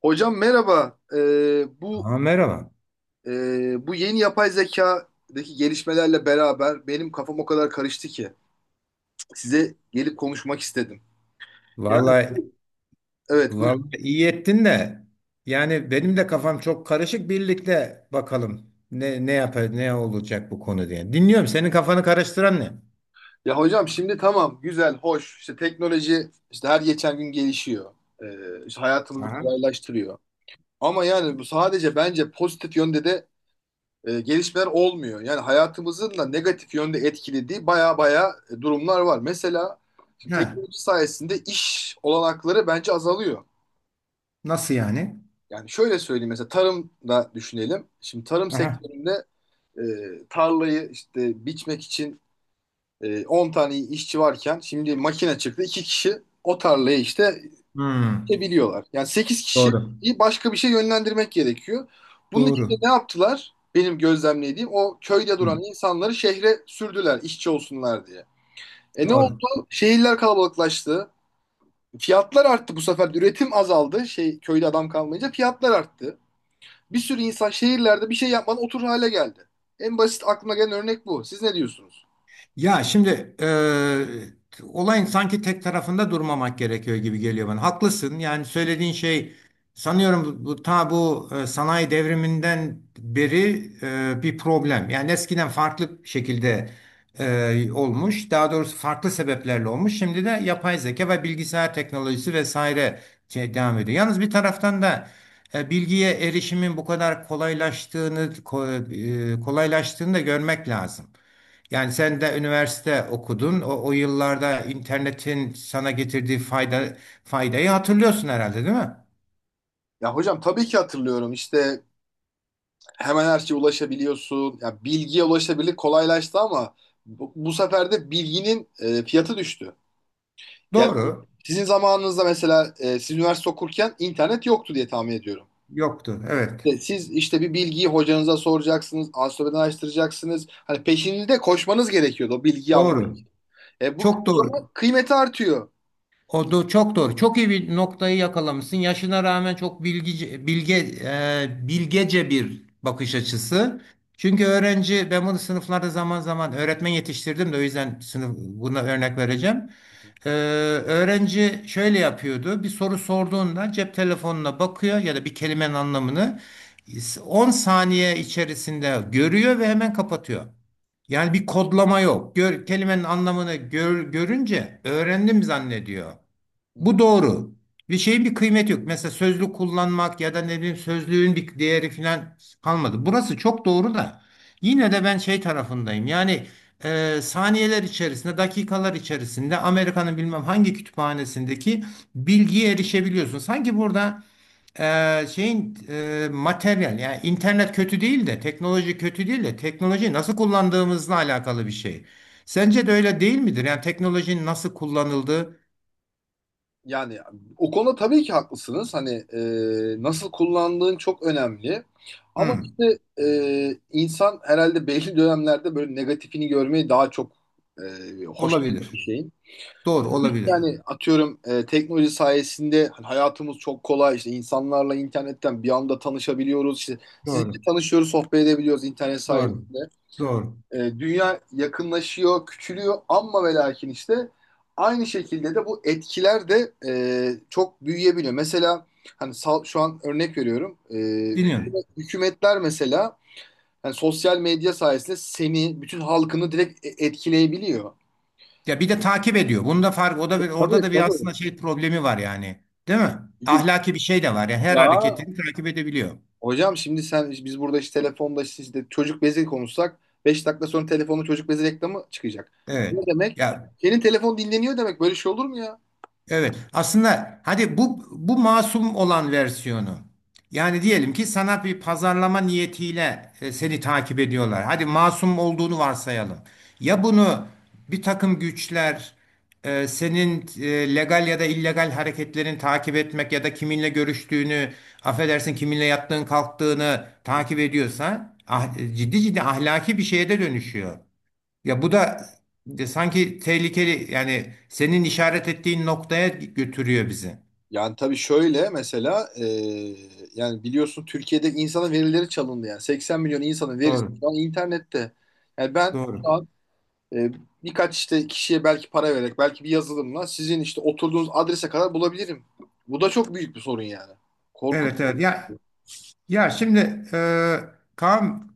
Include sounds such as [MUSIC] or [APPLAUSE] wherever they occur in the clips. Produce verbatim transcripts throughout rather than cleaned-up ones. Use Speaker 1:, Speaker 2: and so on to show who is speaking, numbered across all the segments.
Speaker 1: Hocam merhaba. Ee, bu
Speaker 2: Aa, merhaba.
Speaker 1: e, bu yeni yapay zekadaki gelişmelerle beraber benim kafam o kadar karıştı ki size gelip konuşmak istedim. Yani
Speaker 2: Vallahi,
Speaker 1: bu- evet buyurun.
Speaker 2: vallahi iyi ettin de. Yani benim de kafam çok karışık. Birlikte bakalım ne ne yapar, ne olacak bu konu diye. Dinliyorum. Senin kafanı karıştıran ne?
Speaker 1: Ya hocam şimdi tamam güzel hoş işte teknoloji işte her geçen gün gelişiyor. Ee, işte hayatımızı
Speaker 2: Aha.
Speaker 1: kolaylaştırıyor. Ama yani bu sadece bence pozitif yönde de e, gelişmeler olmuyor. Yani hayatımızın da negatif yönde etkilediği baya baya e, durumlar var. Mesela şimdi
Speaker 2: Ha,
Speaker 1: teknoloji sayesinde iş olanakları bence azalıyor.
Speaker 2: nasıl yani?
Speaker 1: Yani şöyle söyleyeyim mesela tarımda düşünelim. Şimdi tarım
Speaker 2: Aha.
Speaker 1: sektöründe e, tarlayı işte biçmek için e, on tane işçi varken şimdi makine çıktı. İki kişi o tarlayı işte
Speaker 2: Hmm,
Speaker 1: biliyorlar. Yani sekiz kişiyi
Speaker 2: doğru.
Speaker 1: başka bir şey yönlendirmek gerekiyor. Bunun için de
Speaker 2: Doğru.
Speaker 1: ne yaptılar? Benim gözlemlediğim, o köyde
Speaker 2: Hmm,
Speaker 1: duran insanları şehre sürdüler işçi olsunlar diye. E ne
Speaker 2: doğru.
Speaker 1: oldu? Şehirler kalabalıklaştı. Fiyatlar arttı bu sefer. Üretim azaldı. Şey, köyde adam kalmayınca fiyatlar arttı. Bir sürü insan şehirlerde bir şey yapmadan oturur hale geldi. En basit aklıma gelen örnek bu. Siz ne diyorsunuz?
Speaker 2: Ya şimdi e, olayın sanki tek tarafında durmamak gerekiyor gibi geliyor bana. Haklısın. Yani söylediğin şey sanıyorum bu, ta bu e, sanayi devriminden beri e, bir problem. Yani eskiden farklı şekilde e, olmuş. Daha doğrusu farklı sebeplerle olmuş. Şimdi de yapay zeka ve bilgisayar teknolojisi vesaire şey devam ediyor. Yalnız bir taraftan da e, bilgiye erişimin bu kadar kolaylaştığını ko- e, kolaylaştığını da görmek lazım. Yani sen de üniversite okudun. O, o yıllarda internetin sana getirdiği fayda faydayı hatırlıyorsun herhalde, değil mi?
Speaker 1: Ya hocam tabii ki hatırlıyorum. İşte hemen her şeye ulaşabiliyorsun. Ya bilgiye ulaşabilir kolaylaştı ama bu, bu sefer de bilginin e, fiyatı düştü. Yani
Speaker 2: Doğru.
Speaker 1: sizin zamanınızda mesela e, siz üniversite okurken internet yoktu diye tahmin ediyorum.
Speaker 2: Yoktu. Evet.
Speaker 1: E, Siz işte bir bilgiyi hocanıza soracaksınız, ansiklopediden araştıracaksınız. Hani peşinde koşmanız gerekiyordu o bilgiyi almak.
Speaker 2: Doğru.
Speaker 1: E, bu
Speaker 2: Çok
Speaker 1: o
Speaker 2: doğru.
Speaker 1: zaman kıymeti artıyor.
Speaker 2: O da çok doğru. Çok iyi bir noktayı yakalamışsın. Yaşına rağmen çok bilgice, bilge, e, bilgece bir bakış açısı. Çünkü öğrenci, ben bunu sınıflarda zaman zaman öğretmen yetiştirdim de o yüzden sınıf buna örnek vereceğim. Ee, Öğrenci şöyle yapıyordu. Bir soru sorduğunda cep telefonuna bakıyor ya da bir kelimenin anlamını on saniye içerisinde görüyor ve hemen kapatıyor. Yani bir kodlama yok. Gör, kelimenin anlamını gör- görünce öğrendim zannediyor.
Speaker 1: Hı
Speaker 2: Bu
Speaker 1: hı.
Speaker 2: doğru. Bir şeyin bir kıymeti yok. Mesela sözlük kullanmak ya da ne bileyim sözlüğün bir değeri falan kalmadı. Burası çok doğru da yine de ben şey tarafındayım. Yani e, saniyeler içerisinde, dakikalar içerisinde Amerika'nın bilmem hangi kütüphanesindeki bilgiye erişebiliyorsun. Sanki burada e, şeyin e, materyal yani internet kötü değil de teknoloji kötü değil de teknolojiyi nasıl kullandığımızla alakalı bir şey. Sence de öyle değil midir? Yani teknolojinin nasıl kullanıldığı.
Speaker 1: Yani o konuda tabii ki haklısınız. Hani e, nasıl kullandığın çok önemli. Ama
Speaker 2: Hı,
Speaker 1: işte e, insan herhalde belli [LAUGHS] dönemlerde böyle negatifini görmeyi daha çok e, hoşlanıyor
Speaker 2: olabilir.
Speaker 1: bir şeyin.
Speaker 2: Doğru
Speaker 1: Tabii ki
Speaker 2: olabilir.
Speaker 1: yani atıyorum e, teknoloji sayesinde hani hayatımız çok kolay. İşte insanlarla internetten bir anda tanışabiliyoruz. İşte sizinle
Speaker 2: Doğru.
Speaker 1: tanışıyoruz, sohbet edebiliyoruz internet
Speaker 2: Doğru.
Speaker 1: sayesinde.
Speaker 2: Doğru.
Speaker 1: E, dünya yakınlaşıyor, küçülüyor ama ve lakin işte aynı şekilde de bu etkiler de e, çok büyüyebiliyor. Mesela hani sal- şu an örnek veriyorum. E,
Speaker 2: Dinliyorum.
Speaker 1: hükümet- hükümetler mesela yani sosyal medya sayesinde seni, bütün halkını direkt e- etkileyebiliyor.
Speaker 2: Ya bir de takip ediyor. Bunda fark o da bir, orada
Speaker 1: Tabii,
Speaker 2: da bir
Speaker 1: tabii.
Speaker 2: aslında şey problemi var yani. Değil mi?
Speaker 1: Yu-
Speaker 2: Ahlaki bir şey de var. Yani
Speaker 1: Ya
Speaker 2: her hareketini takip edebiliyor.
Speaker 1: hocam şimdi sen, biz burada işte telefonda işte, işte çocuk bezi konuşsak beş dakika sonra telefonda çocuk bezi reklamı çıkacak. Ya bu
Speaker 2: Evet.
Speaker 1: ne demek?
Speaker 2: Ya
Speaker 1: Senin telefon dinleniyor demek. Böyle şey olur mu ya?
Speaker 2: evet. Aslında hadi bu bu masum olan versiyonu. Yani diyelim ki sana bir pazarlama niyetiyle e, seni takip ediyorlar. Hadi masum olduğunu varsayalım. Ya bunu bir takım güçler e, senin e, legal ya da illegal hareketlerini takip etmek ya da kiminle görüştüğünü, affedersin kiminle yattığın kalktığını takip ediyorsa ah- ciddi ciddi ahlaki bir şeye de dönüşüyor. Ya bu da de sanki tehlikeli yani senin işaret ettiğin noktaya götürüyor bizi.
Speaker 1: Yani tabii şöyle mesela e, yani biliyorsun, Türkiye'de insanın verileri çalındı, yani 80 milyon insanın verisi
Speaker 2: Doğru.
Speaker 1: şu an internette. Yani ben
Speaker 2: Doğru.
Speaker 1: şu an e, birkaç işte kişiye belki para vererek, belki bir yazılımla sizin işte oturduğunuz adrese kadar bulabilirim. Bu da çok büyük bir sorun yani. Korkunç.
Speaker 2: Evet evet. Ya ya şimdi e, Kaan,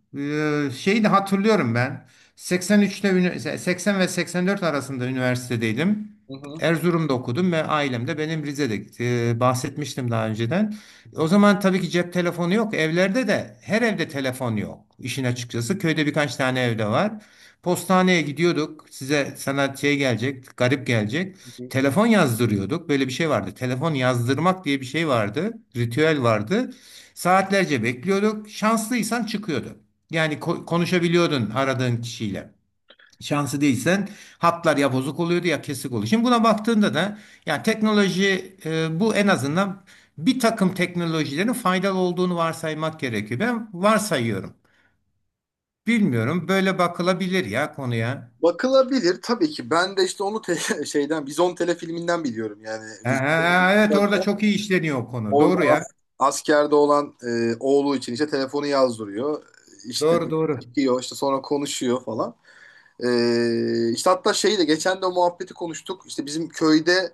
Speaker 2: e, şeyi de hatırlıyorum ben. seksen üçte ünü- seksen ve seksen dört arasında üniversitedeydim.
Speaker 1: Hı hı.
Speaker 2: Erzurum'da okudum ve ailem de benim Rize'de, e, bahsetmiştim daha önceden.
Speaker 1: Hı
Speaker 2: O zaman tabii ki cep telefonu yok. Evlerde de her evde telefon yok. İşin açıkçası köyde birkaç tane evde var. Postaneye gidiyorduk. Size sana şey gelecek, garip gelecek.
Speaker 1: hı.
Speaker 2: Telefon yazdırıyorduk. Böyle bir şey vardı. Telefon yazdırmak diye bir şey vardı. Ritüel vardı. Saatlerce bekliyorduk. Şanslıysan çıkıyordu. Yani ko- konuşabiliyordun aradığın kişiyle. Şansı değilsen hatlar ya bozuk oluyordu ya kesik oluyor. Şimdi buna baktığında da yani teknoloji, e, bu en azından bir takım teknolojilerin faydalı olduğunu varsaymak gerekiyor. Ben varsayıyorum. Bilmiyorum böyle bakılabilir ya konuya.
Speaker 1: Bakılabilir tabii ki. Ben de işte onu te- [LAUGHS] şeyden Vizon telefilminden biliyorum yani.
Speaker 2: Ha,
Speaker 1: Vizon.
Speaker 2: ha, ha, evet orada çok iyi işleniyor o konu.
Speaker 1: Orada
Speaker 2: Doğru ya.
Speaker 1: as- askerde olan e, oğlu için işte telefonu yazdırıyor. İşte
Speaker 2: Doğru doğru.
Speaker 1: çıkıyor işte, sonra konuşuyor falan. E, işte hatta şeyi de geçen de o muhabbeti konuştuk. İşte bizim köyde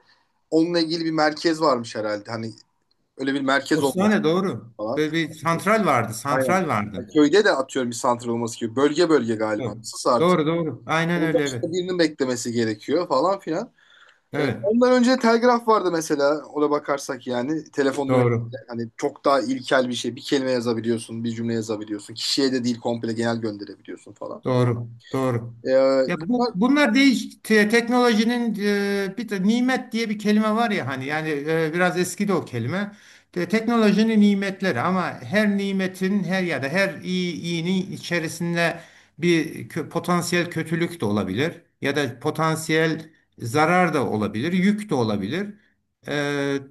Speaker 1: onunla ilgili bir merkez varmış herhalde. Hani öyle bir merkez olması
Speaker 2: Osmaniye doğru.
Speaker 1: falan.
Speaker 2: Böyle bir santral vardı.
Speaker 1: Aynen.
Speaker 2: Santral
Speaker 1: Yani
Speaker 2: vardı.
Speaker 1: köyde de atıyorum bir santral olması gibi. Bölge bölge galiba.
Speaker 2: Doğru.
Speaker 1: Nasılsa artık.
Speaker 2: Doğru doğru. Aynen
Speaker 1: Onun
Speaker 2: öyle evet.
Speaker 1: başka birinin beklemesi gerekiyor falan filan. Ee,
Speaker 2: Evet,
Speaker 1: ondan önce telgraf vardı mesela. Ona bakarsak yani telefondan
Speaker 2: doğru.
Speaker 1: önce hani çok daha ilkel bir şey. Bir kelime yazabiliyorsun, bir cümle yazabiliyorsun. Kişiye de değil, komple genel gönderebiliyorsun falan.
Speaker 2: Doğru, doğru.
Speaker 1: Ee,
Speaker 2: Ya bu,
Speaker 1: Bunlar.
Speaker 2: bunlar değiş te- teknolojinin e, bir de nimet diye bir kelime var ya hani yani e, biraz eski de o kelime. Te- teknolojinin nimetleri ama her nimetin her ya da her iyi iyinin içerisinde bir kö- potansiyel kötülük de olabilir ya da potansiyel zarar da olabilir, yük de olabilir. E,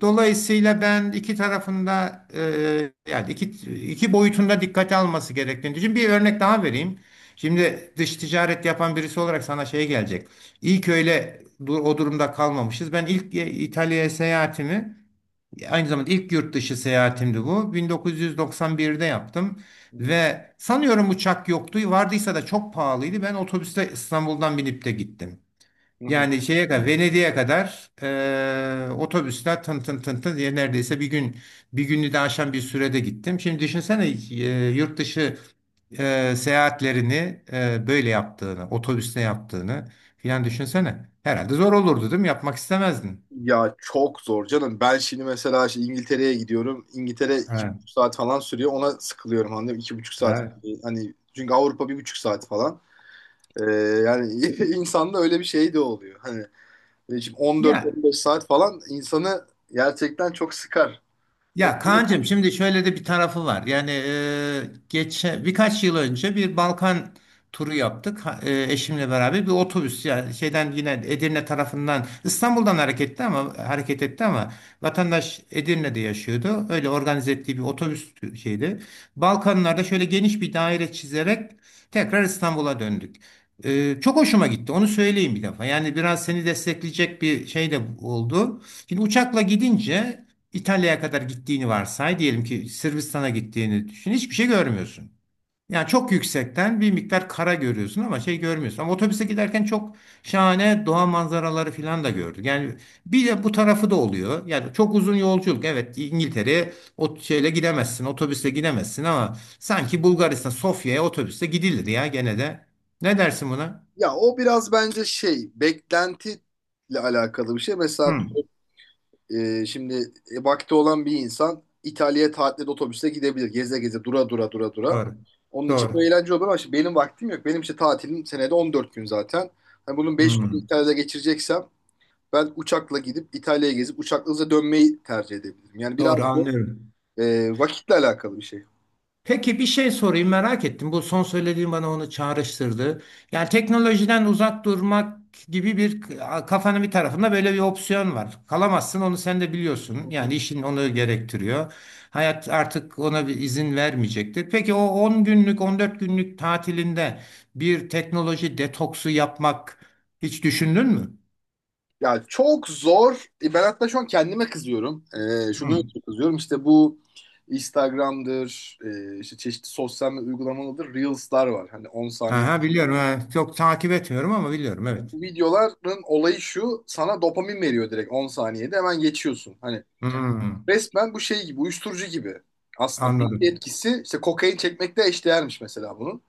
Speaker 2: Dolayısıyla ben iki tarafında, e, yani iki iki boyutunda dikkate alması gerektiğini düşünüyorum. Bir örnek daha vereyim. Şimdi dış ticaret yapan birisi olarak sana şey gelecek. İlk öyle du- o durumda kalmamışız. Ben ilk e, İtalya'ya seyahatimi, aynı zamanda ilk yurt dışı seyahatimdi bu. bin dokuz yüz doksan birde yaptım
Speaker 1: Hı hı.
Speaker 2: ve sanıyorum uçak yoktu. Vardıysa da çok pahalıydı. Ben otobüste İstanbul'dan binip de gittim. Yani şeye kadar Venedik'e kadar eee otobüsler tın tın tın tın diye neredeyse bir gün, bir günü de aşan bir sürede gittim. Şimdi düşünsene eee, yurt dışı eee, seyahatlerini eee, böyle yaptığını, otobüste yaptığını filan düşünsene. Herhalde zor olurdu değil mi? Yapmak istemezdin.
Speaker 1: Ya çok zor canım. Ben şimdi mesela işte İngiltere'ye gidiyorum. İngiltere iki
Speaker 2: Evet,
Speaker 1: buçuk saat falan sürüyor. Ona sıkılıyorum, anladın mı? İki buçuk saat.
Speaker 2: evet.
Speaker 1: Hani çünkü Avrupa bir buçuk saat falan. Ee, Yani [LAUGHS] insanda öyle bir şey de oluyor. Hani e, şimdi
Speaker 2: Ya
Speaker 1: on dört, on beş saat falan insanı gerçekten çok sıkar.
Speaker 2: ya Kaan'cığım şimdi şöyle de bir tarafı var. Yani e, geçen birkaç yıl önce bir Balkan turu yaptık. Ha- e, eşimle beraber bir otobüs yani şeyden yine Edirne tarafından İstanbul'dan hareket ama hareket etti ama vatandaş Edirne'de yaşıyordu. Öyle organize ettiği bir otobüs tü- şeydi. Balkanlarda şöyle geniş bir daire çizerek tekrar İstanbul'a döndük. E, çok hoşuma gitti. Onu söyleyeyim bir defa. Yani biraz seni destekleyecek bir şey de oldu. Şimdi uçakla gidince İtalya'ya kadar gittiğini varsay, diyelim ki Sırbistan'a gittiğini düşün, hiçbir şey görmüyorsun. Yani çok yüksekten bir miktar kara görüyorsun ama şey görmüyorsun. Ama otobüse giderken çok şahane doğa manzaraları falan da gördük. Yani bir de bu tarafı da oluyor. Yani çok uzun yolculuk. Evet İngiltere'ye o şeyle gidemezsin, otobüsle gidemezsin ama sanki Bulgaristan, Sofya'ya otobüsle gidilir ya gene de. Ne dersin buna?
Speaker 1: Ya o biraz bence şey, beklentiyle alakalı bir şey. Mesela
Speaker 2: Hmm,
Speaker 1: e, şimdi e, vakti olan bir insan İtalya'ya tatilde otobüste gidebilir. Geze geze, dura dura dura dura.
Speaker 2: doğru.
Speaker 1: Onun için bu
Speaker 2: Doğru.
Speaker 1: eğlence olur ama şimdi benim vaktim yok. Benim işte tatilim senede on dört gün zaten. Hani bunun beş gün
Speaker 2: Hmm,
Speaker 1: İtalya'da geçireceksem, ben uçakla gidip İtalya'ya gezip uçakla hızla dönmeyi tercih edebilirim. Yani biraz
Speaker 2: doğru
Speaker 1: da
Speaker 2: anlıyorum.
Speaker 1: e, vakitle alakalı bir şey.
Speaker 2: Peki bir şey sorayım merak ettim. Bu son söylediğin bana onu çağrıştırdı. Yani teknolojiden uzak durmak gibi bir kafanın bir tarafında böyle bir opsiyon var. Kalamazsın onu sen de biliyorsun. Yani işin onu gerektiriyor. Hayat artık ona bir izin vermeyecektir. Peki o on günlük on dört günlük tatilinde bir teknoloji detoksu yapmak hiç düşündün mü?
Speaker 1: Ya çok zor. E, Ben hatta şu an kendime kızıyorum. E, şunu
Speaker 2: Hı.
Speaker 1: kızıyorum, işte bu Instagram'dır, e, işte çeşitli sosyal medya uygulamalarıdır, Reels'lar var. Hani on saniye.
Speaker 2: Aha, biliyorum. Ha, çok takip etmiyorum ama biliyorum evet.
Speaker 1: Bu videoların olayı şu, sana dopamin veriyor, direkt on saniyede hemen geçiyorsun. Hani
Speaker 2: Hı,
Speaker 1: resmen bu şey gibi, uyuşturucu gibi. Aslında belli bir
Speaker 2: anladım.
Speaker 1: etkisi işte kokain çekmekle eşdeğermiş mesela bunun.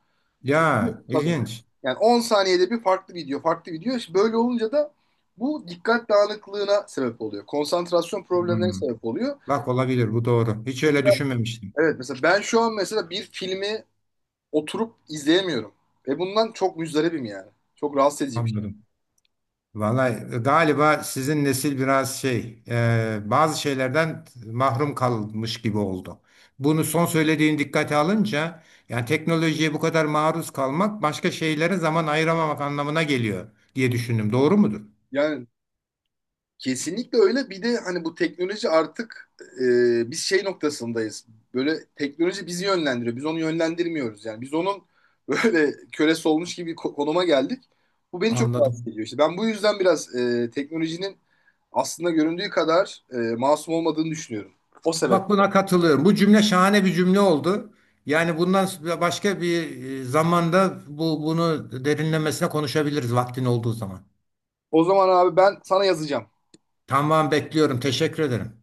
Speaker 1: Çünkü
Speaker 2: Ya
Speaker 1: tabii.
Speaker 2: ilginç.
Speaker 1: Yani on saniyede bir farklı video, farklı video. İşte böyle olunca da bu dikkat dağınıklığına sebep oluyor. Konsantrasyon
Speaker 2: Hı.
Speaker 1: problemlerine sebep oluyor.
Speaker 2: Bak olabilir bu doğru. Hiç öyle
Speaker 1: Mesela,
Speaker 2: düşünmemiştim.
Speaker 1: evet mesela ben şu an mesela bir filmi oturup izleyemiyorum. Ve bundan çok müzdaribim yani. Çok rahatsız edici bir şey.
Speaker 2: Anladım. Vallahi e, galiba sizin nesil biraz şey e, bazı şeylerden mahrum kalmış gibi oldu. Bunu son söylediğin dikkate alınca yani teknolojiye bu kadar maruz kalmak başka şeylere zaman ayıramamak anlamına geliyor diye düşündüm. Doğru mudur?
Speaker 1: Yani kesinlikle öyle. Bir de hani bu teknoloji artık e, biz şey noktasındayız. Böyle teknoloji bizi yönlendiriyor. Biz onu yönlendirmiyoruz yani. Biz onun [LAUGHS] böyle kölesi olmuş gibi ko- konuma geldik. Bu beni çok rahatsız
Speaker 2: Anladım.
Speaker 1: ediyor. İşte ben bu yüzden biraz e, teknolojinin aslında göründüğü kadar e, masum olmadığını düşünüyorum. O sebep.
Speaker 2: Bak buna katılıyorum. Bu cümle şahane bir cümle oldu. Yani bundan başka bir e, zamanda bu bunu derinlemesine konuşabiliriz vaktin olduğu zaman.
Speaker 1: O zaman abi ben sana yazacağım.
Speaker 2: Tamam bekliyorum. Teşekkür ederim.